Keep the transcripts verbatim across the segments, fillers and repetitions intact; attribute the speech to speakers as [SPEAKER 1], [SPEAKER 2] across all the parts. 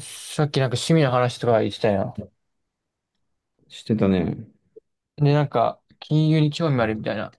[SPEAKER 1] さっきなんか趣味の話とか言ってたやん。
[SPEAKER 2] してたね。
[SPEAKER 1] で、なんか、金融に興味あるみたいな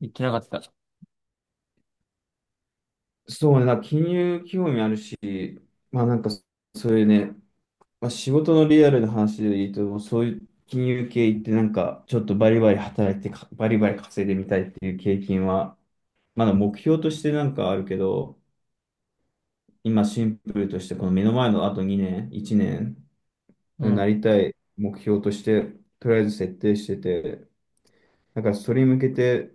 [SPEAKER 1] 言ってなかった。
[SPEAKER 2] そうね、だから金融興味あるし、まあなんか、そういうね、まあ、仕事のリアルな話で言うと、そういう金融系行ってなんか、ちょっとバリバリ働いてか、バリバリ稼いでみたいっていう経験は、まだ目標としてなんかあるけど、今シンプルとして、この目の前のあとにねん、いちねん、
[SPEAKER 1] うん。
[SPEAKER 2] なりたい目標として、とりあえず設定してて、だからそれに向けて、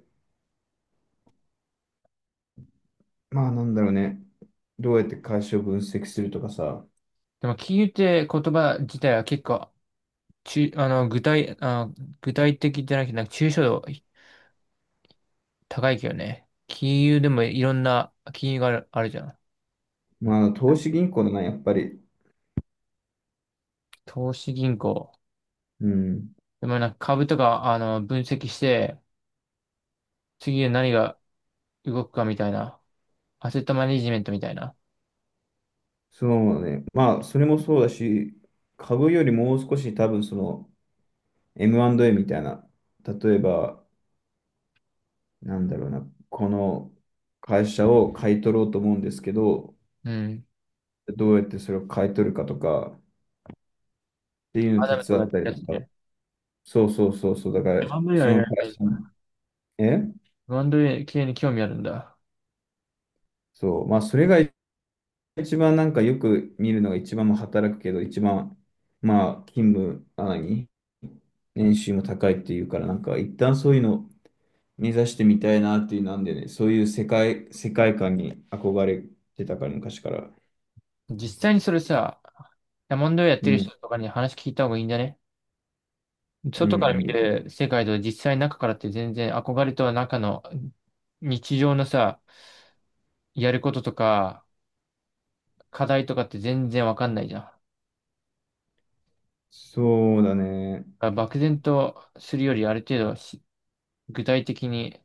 [SPEAKER 2] まあなんだろうね、どうやって会社を分析するとかさ。
[SPEAKER 1] でも、金融って言葉自体は結構、ちあの、具体、あ、具体的じゃなくて、なんか抽象度高いけどね。金融でもいろんな金融がある、あるじゃん。
[SPEAKER 2] まあ、投資銀行だな、やっぱり。
[SPEAKER 1] 投資銀行。
[SPEAKER 2] うん。
[SPEAKER 1] でもなんか株とか、あの、分析して、次で何が動くかみたいな。アセットマネジメントみたいな。
[SPEAKER 2] そうね。まあ、それもそうだし、株よりもう少し多分その エムアンドエー みたいな、例えば、なんだろうな、この会社を買い取ろうと思うんですけど、
[SPEAKER 1] うん。
[SPEAKER 2] どうやってそれを買い取るかとかっていうのを
[SPEAKER 1] ア
[SPEAKER 2] 手
[SPEAKER 1] ダムとか
[SPEAKER 2] 伝
[SPEAKER 1] や
[SPEAKER 2] っ
[SPEAKER 1] っ
[SPEAKER 2] たり
[SPEAKER 1] てた
[SPEAKER 2] と
[SPEAKER 1] よ
[SPEAKER 2] か。
[SPEAKER 1] ね。
[SPEAKER 2] そうそうそうそう、だから、
[SPEAKER 1] あんまりは
[SPEAKER 2] その
[SPEAKER 1] やらな
[SPEAKER 2] 会社
[SPEAKER 1] い。
[SPEAKER 2] に、え
[SPEAKER 1] バンド系に興味あるんだ。
[SPEAKER 2] そう、まあ、それが一番なんかよく見るのが一番も働くけど、一番、まあ、勤務、あ、何年収も高いっていうから、なんか一旦そういうの目指してみたいなっていうなんでね、そういう世界、世界観に憧れてたから、昔から。
[SPEAKER 1] 実際にそれさ、ダモンドやっ
[SPEAKER 2] う
[SPEAKER 1] てる
[SPEAKER 2] ん、
[SPEAKER 1] 人とかに話聞いた方がいいんじゃね？
[SPEAKER 2] うん、
[SPEAKER 1] 外から見
[SPEAKER 2] うん。
[SPEAKER 1] る世界と実際中からって全然憧れと中の日常のさ、やることとか課題とかって全然わかんないじゃん。だか
[SPEAKER 2] そうだね。
[SPEAKER 1] ら漠然とするよりある程度し具体的に、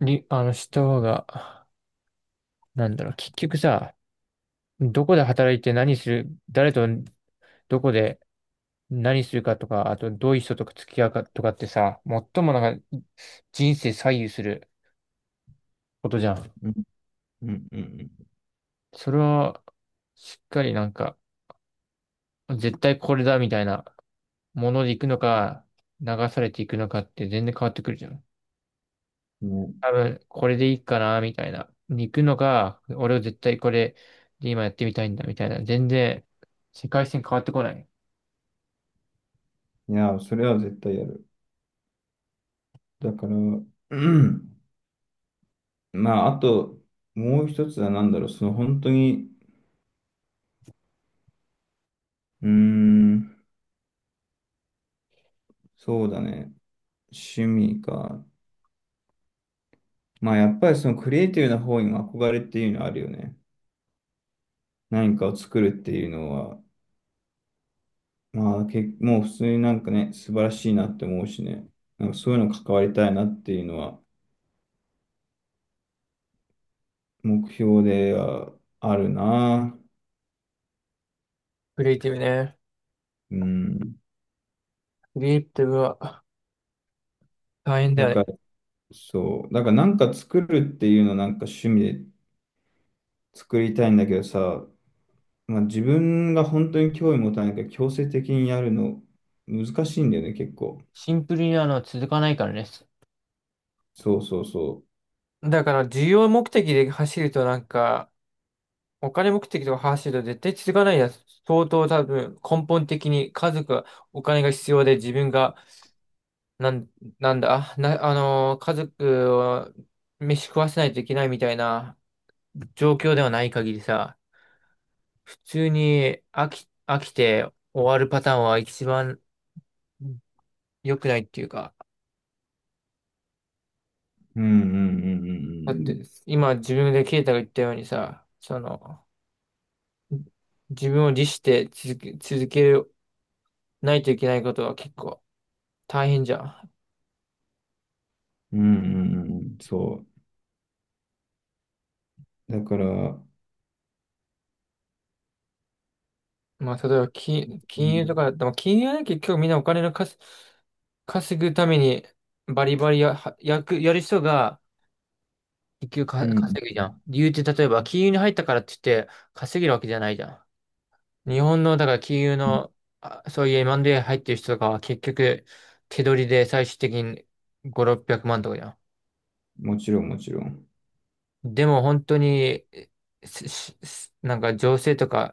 [SPEAKER 1] に、あの、した方が、なんだろう、結局さ、どこで働いて何する、誰とどこで何するかとか、あとどういう人と付き合うかとかってさ、最もなんか人生左右することじゃん。
[SPEAKER 2] うん、うん、うん。
[SPEAKER 1] それは、しっかりなんか、絶対これだみたいなもので行くのか、流されていくのかって全然変わってくるじゃん。
[SPEAKER 2] うんね、
[SPEAKER 1] 多分、これでいいかなみたいなに行くのか、俺は絶対これで今やってみたいんだみたいな。全然、世界線変わってこない。
[SPEAKER 2] いや、それは絶対やる。だから、うんまあ、あと、もう一つは何だろう、その本当に、うーん、そうだね。趣味か。まあ、やっぱりそのクリエイティブな方にも憧れっていうのはあるよね。何かを作るっていうのは、まあ、け、もう普通になんかね、素晴らしいなって思うしね。なんかそういうの関わりたいなっていうのは目標ではあるな。
[SPEAKER 1] クリエイティブね。
[SPEAKER 2] うん。
[SPEAKER 1] クリエイティブは大変だ
[SPEAKER 2] だ
[SPEAKER 1] よ
[SPEAKER 2] か
[SPEAKER 1] ね。
[SPEAKER 2] ら、そう。だからなんか作るっていうのなんか趣味で作りたいんだけどさ、まあ自分が本当に興味持たないから強制的にやるの難しいんだよね、結構。
[SPEAKER 1] シンプルにあの、続かないからね。
[SPEAKER 2] そうそうそ
[SPEAKER 1] だから、需要目的で走るとなんか、お金目的とか走ると絶対続かないやつ。相当多分根本的に家族はお金が必要で自分がなん、なんだ、な、あのー家族を飯食わせないといけないみたいな状況ではない限りさ、普通に飽き、飽きて終わるパターンは一番良くないっていうか、
[SPEAKER 2] う。うんうんう
[SPEAKER 1] だっ
[SPEAKER 2] ん
[SPEAKER 1] て今自分でケイタが言ったようにさ、その、自分を律して続け、続けないといけないことは結構大変じゃん。
[SPEAKER 2] うんうん。うんうんうんうん。そう。だから、
[SPEAKER 1] まあ、例えば、き、金融とかだった
[SPEAKER 2] う
[SPEAKER 1] ら、まあ金融はね、結局みんなお金の稼、稼ぐために、バリバリや、はやく、やる人が、結局か稼ぐ
[SPEAKER 2] ん。
[SPEAKER 1] じゃん。理由って、例えば、金融に入ったからって言って、稼げるわけじゃないじゃん。日本の、だから金融の、あそういう エムアンドエー 入ってる人とかは、結局、手取りで最終的にご、ろっぴゃくまんとかじゃん。
[SPEAKER 2] もちろんもちろん。
[SPEAKER 1] でも本当に、しししなんか情勢とか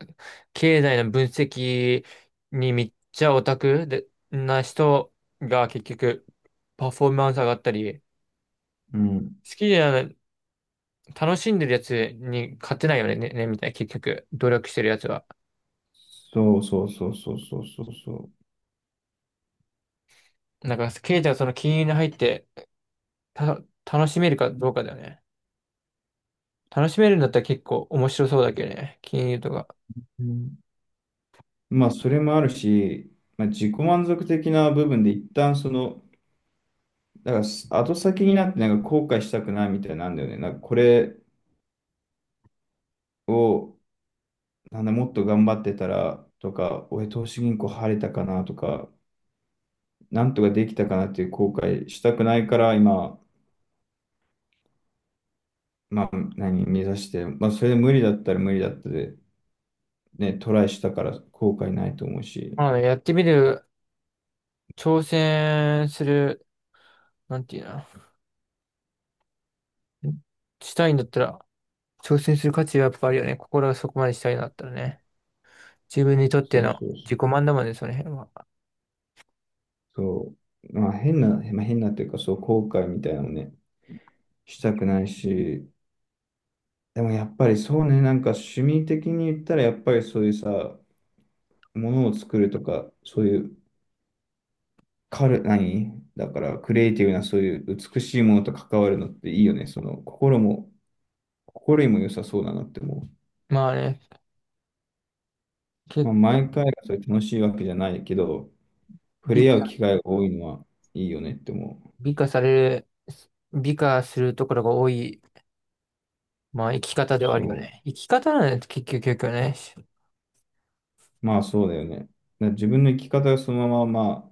[SPEAKER 1] 経済の分析にめっちゃオタクでな人が結局パフォーマンス上がったり、
[SPEAKER 2] うん
[SPEAKER 1] 好きじゃない、楽しんでるやつに勝てないよね、ね、ねみたいな結局努力してるやつは。
[SPEAKER 2] そうそうそうそうそうそうそう
[SPEAKER 1] なんか経済はその金融に入ってた楽しめるかどうかだよね。楽しめるんだったら結構面白そうだけどね、金融とか。
[SPEAKER 2] うん。まあ、それもあるし、まあ、自己満足的な部分で一旦その、だからす後先になってなんか後悔したくないみたいなんだよね。なんかこれを、なんだ、もっと頑張ってたらとか、俺投資銀行入れたかなとか、なんとかできたかなっていう後悔したくないから今、まあ、何、目指して、まあ、それで無理だったら無理だったで、ね、トライしたから後悔ないと思うし。
[SPEAKER 1] まあね、やってみる、挑戦する、なんていうの。したいんだったら、挑戦する価値はやっぱあるよね。心がそこまでしたいんだったらね。自分にとっ
[SPEAKER 2] そ
[SPEAKER 1] て
[SPEAKER 2] う
[SPEAKER 1] の
[SPEAKER 2] そうそ
[SPEAKER 1] 自
[SPEAKER 2] う。
[SPEAKER 1] 己満だもんね、その辺は。
[SPEAKER 2] そう、まあ変な、まあ、変なっていうか、そう、後悔みたいなのね、したくないし、でもやっぱりそうね、なんか趣味的に言ったら、やっぱりそういうさ、ものを作るとか、そういう、カル、何だから、クリエイティブな、そういう美しいものと関わるのっていいよね。その、心も、心にも良さそうだなって思
[SPEAKER 1] まあね、
[SPEAKER 2] う。まあ、
[SPEAKER 1] 結構
[SPEAKER 2] 毎回がそれ楽しいわけじゃないけど、触
[SPEAKER 1] 美、
[SPEAKER 2] れ合う機会が多いのはいいよねって思う。
[SPEAKER 1] 美化される、美化するところが多い、まあ生き方ではあ
[SPEAKER 2] そ
[SPEAKER 1] るよね。生き方なんです、結局、結局ね。
[SPEAKER 2] う。まあ、そうだよね。だから自分の生き方がそのまま、まあ、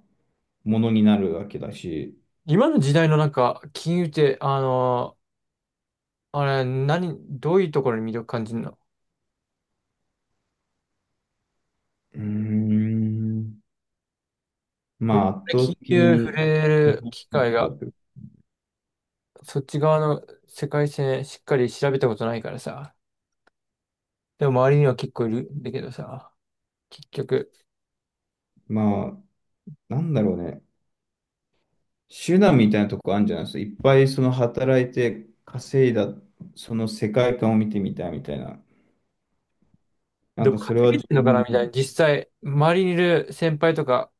[SPEAKER 2] ものになるわけだし、
[SPEAKER 1] 今の時代のなんか、金融って、あのあれ、何、どういうところに魅力感じるの？
[SPEAKER 2] うーん、ま
[SPEAKER 1] 俺、
[SPEAKER 2] あ圧倒
[SPEAKER 1] 金
[SPEAKER 2] 的
[SPEAKER 1] 融触
[SPEAKER 2] に、
[SPEAKER 1] れる機会が、そっち側の世界線しっかり調べたことないからさ。でも周りには結構いるんだけどさ、結局、
[SPEAKER 2] まあ、なんだろうね、手段みたいなとこあるんじゃないですか。いっぱいその働いて稼いだ、その世界観を見てみたいみたいな。な
[SPEAKER 1] で
[SPEAKER 2] ん
[SPEAKER 1] も
[SPEAKER 2] かそれ
[SPEAKER 1] 稼
[SPEAKER 2] は
[SPEAKER 1] げ
[SPEAKER 2] 自
[SPEAKER 1] てんの
[SPEAKER 2] 分
[SPEAKER 1] かなみたい
[SPEAKER 2] に、
[SPEAKER 1] な、実際、周りにいる先輩とか、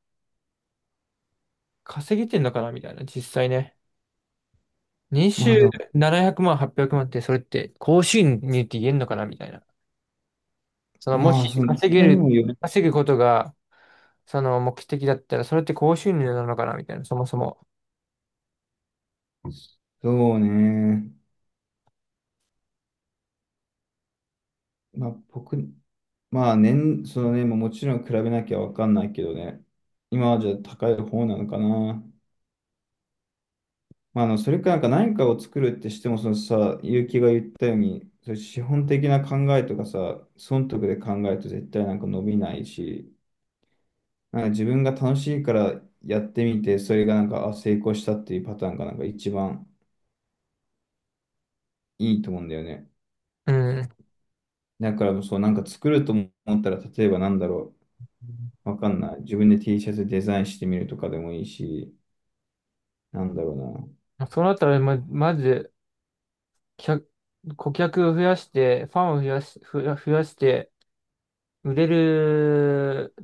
[SPEAKER 1] 稼げてんのかなみたいな、実際ね。年
[SPEAKER 2] ま
[SPEAKER 1] 収
[SPEAKER 2] あ、でも
[SPEAKER 1] ななひゃくまん、はっぴゃくまんって、それって、高収入って言えんのかなみたいな。その、も
[SPEAKER 2] まあ、
[SPEAKER 1] し
[SPEAKER 2] その、自
[SPEAKER 1] 稼げ
[SPEAKER 2] 分に
[SPEAKER 1] る、
[SPEAKER 2] もよる。
[SPEAKER 1] 稼ぐことが、その目的だったら、それって高収入なのかなみたいな、そもそも。
[SPEAKER 2] そうね。まあ、僕、まあ、年、そのね、まあもちろん比べなきゃわかんないけどね。今はじゃあ高い方なのかな。まあ、あの、それかなんか何かを作るってしても、そのさ、結城が言ったように、そういう資本的な考えとかさ、損得で考えると絶対なんか伸びないし、なんか自分が楽しいからやってみて、それがなんか、あ、成功したっていうパターンがなんか一番いいと思うんだよね。
[SPEAKER 1] うん。
[SPEAKER 2] だからもうそう、なんか作ると思ったら、例えばなんだろう、わかんない。自分で ティー シャツデザインしてみるとかでもいいし、なんだろうな。
[SPEAKER 1] そうなったら、ま、まず、客、顧客を増やして、ファンを増やし、増や、増やして、売れる、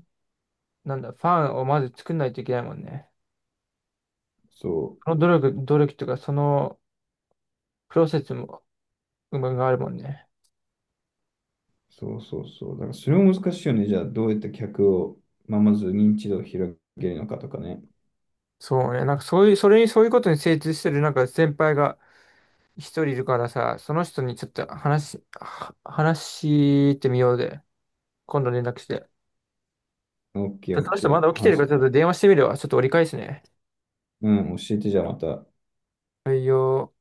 [SPEAKER 1] なんだ、ファンをまず作んないといけないもんね。
[SPEAKER 2] そう。
[SPEAKER 1] その努力、努力とか、そのプロセスも、うまがあるもんね。
[SPEAKER 2] そうそうそう。だからそれも難しいよね。じゃあ、どうやって客を、まあ、まず認知度を広げるのかとかね。
[SPEAKER 1] そうね。なんかそういう、それに、そういうことに精通してる、なんか先輩が一人いるからさ、その人にちょっと話し、は話してみようで。今度連絡して。
[SPEAKER 2] オッケ
[SPEAKER 1] ち
[SPEAKER 2] ー
[SPEAKER 1] ょっ
[SPEAKER 2] オ
[SPEAKER 1] とそ
[SPEAKER 2] ッ
[SPEAKER 1] の人
[SPEAKER 2] ケ
[SPEAKER 1] まだ
[SPEAKER 2] ー。
[SPEAKER 1] 起きてる
[SPEAKER 2] 話
[SPEAKER 1] から、ちょっ
[SPEAKER 2] す。
[SPEAKER 1] と電話してみるわ。ちょっと折り返すね。
[SPEAKER 2] うん、教えてじゃあまた。
[SPEAKER 1] はいよ。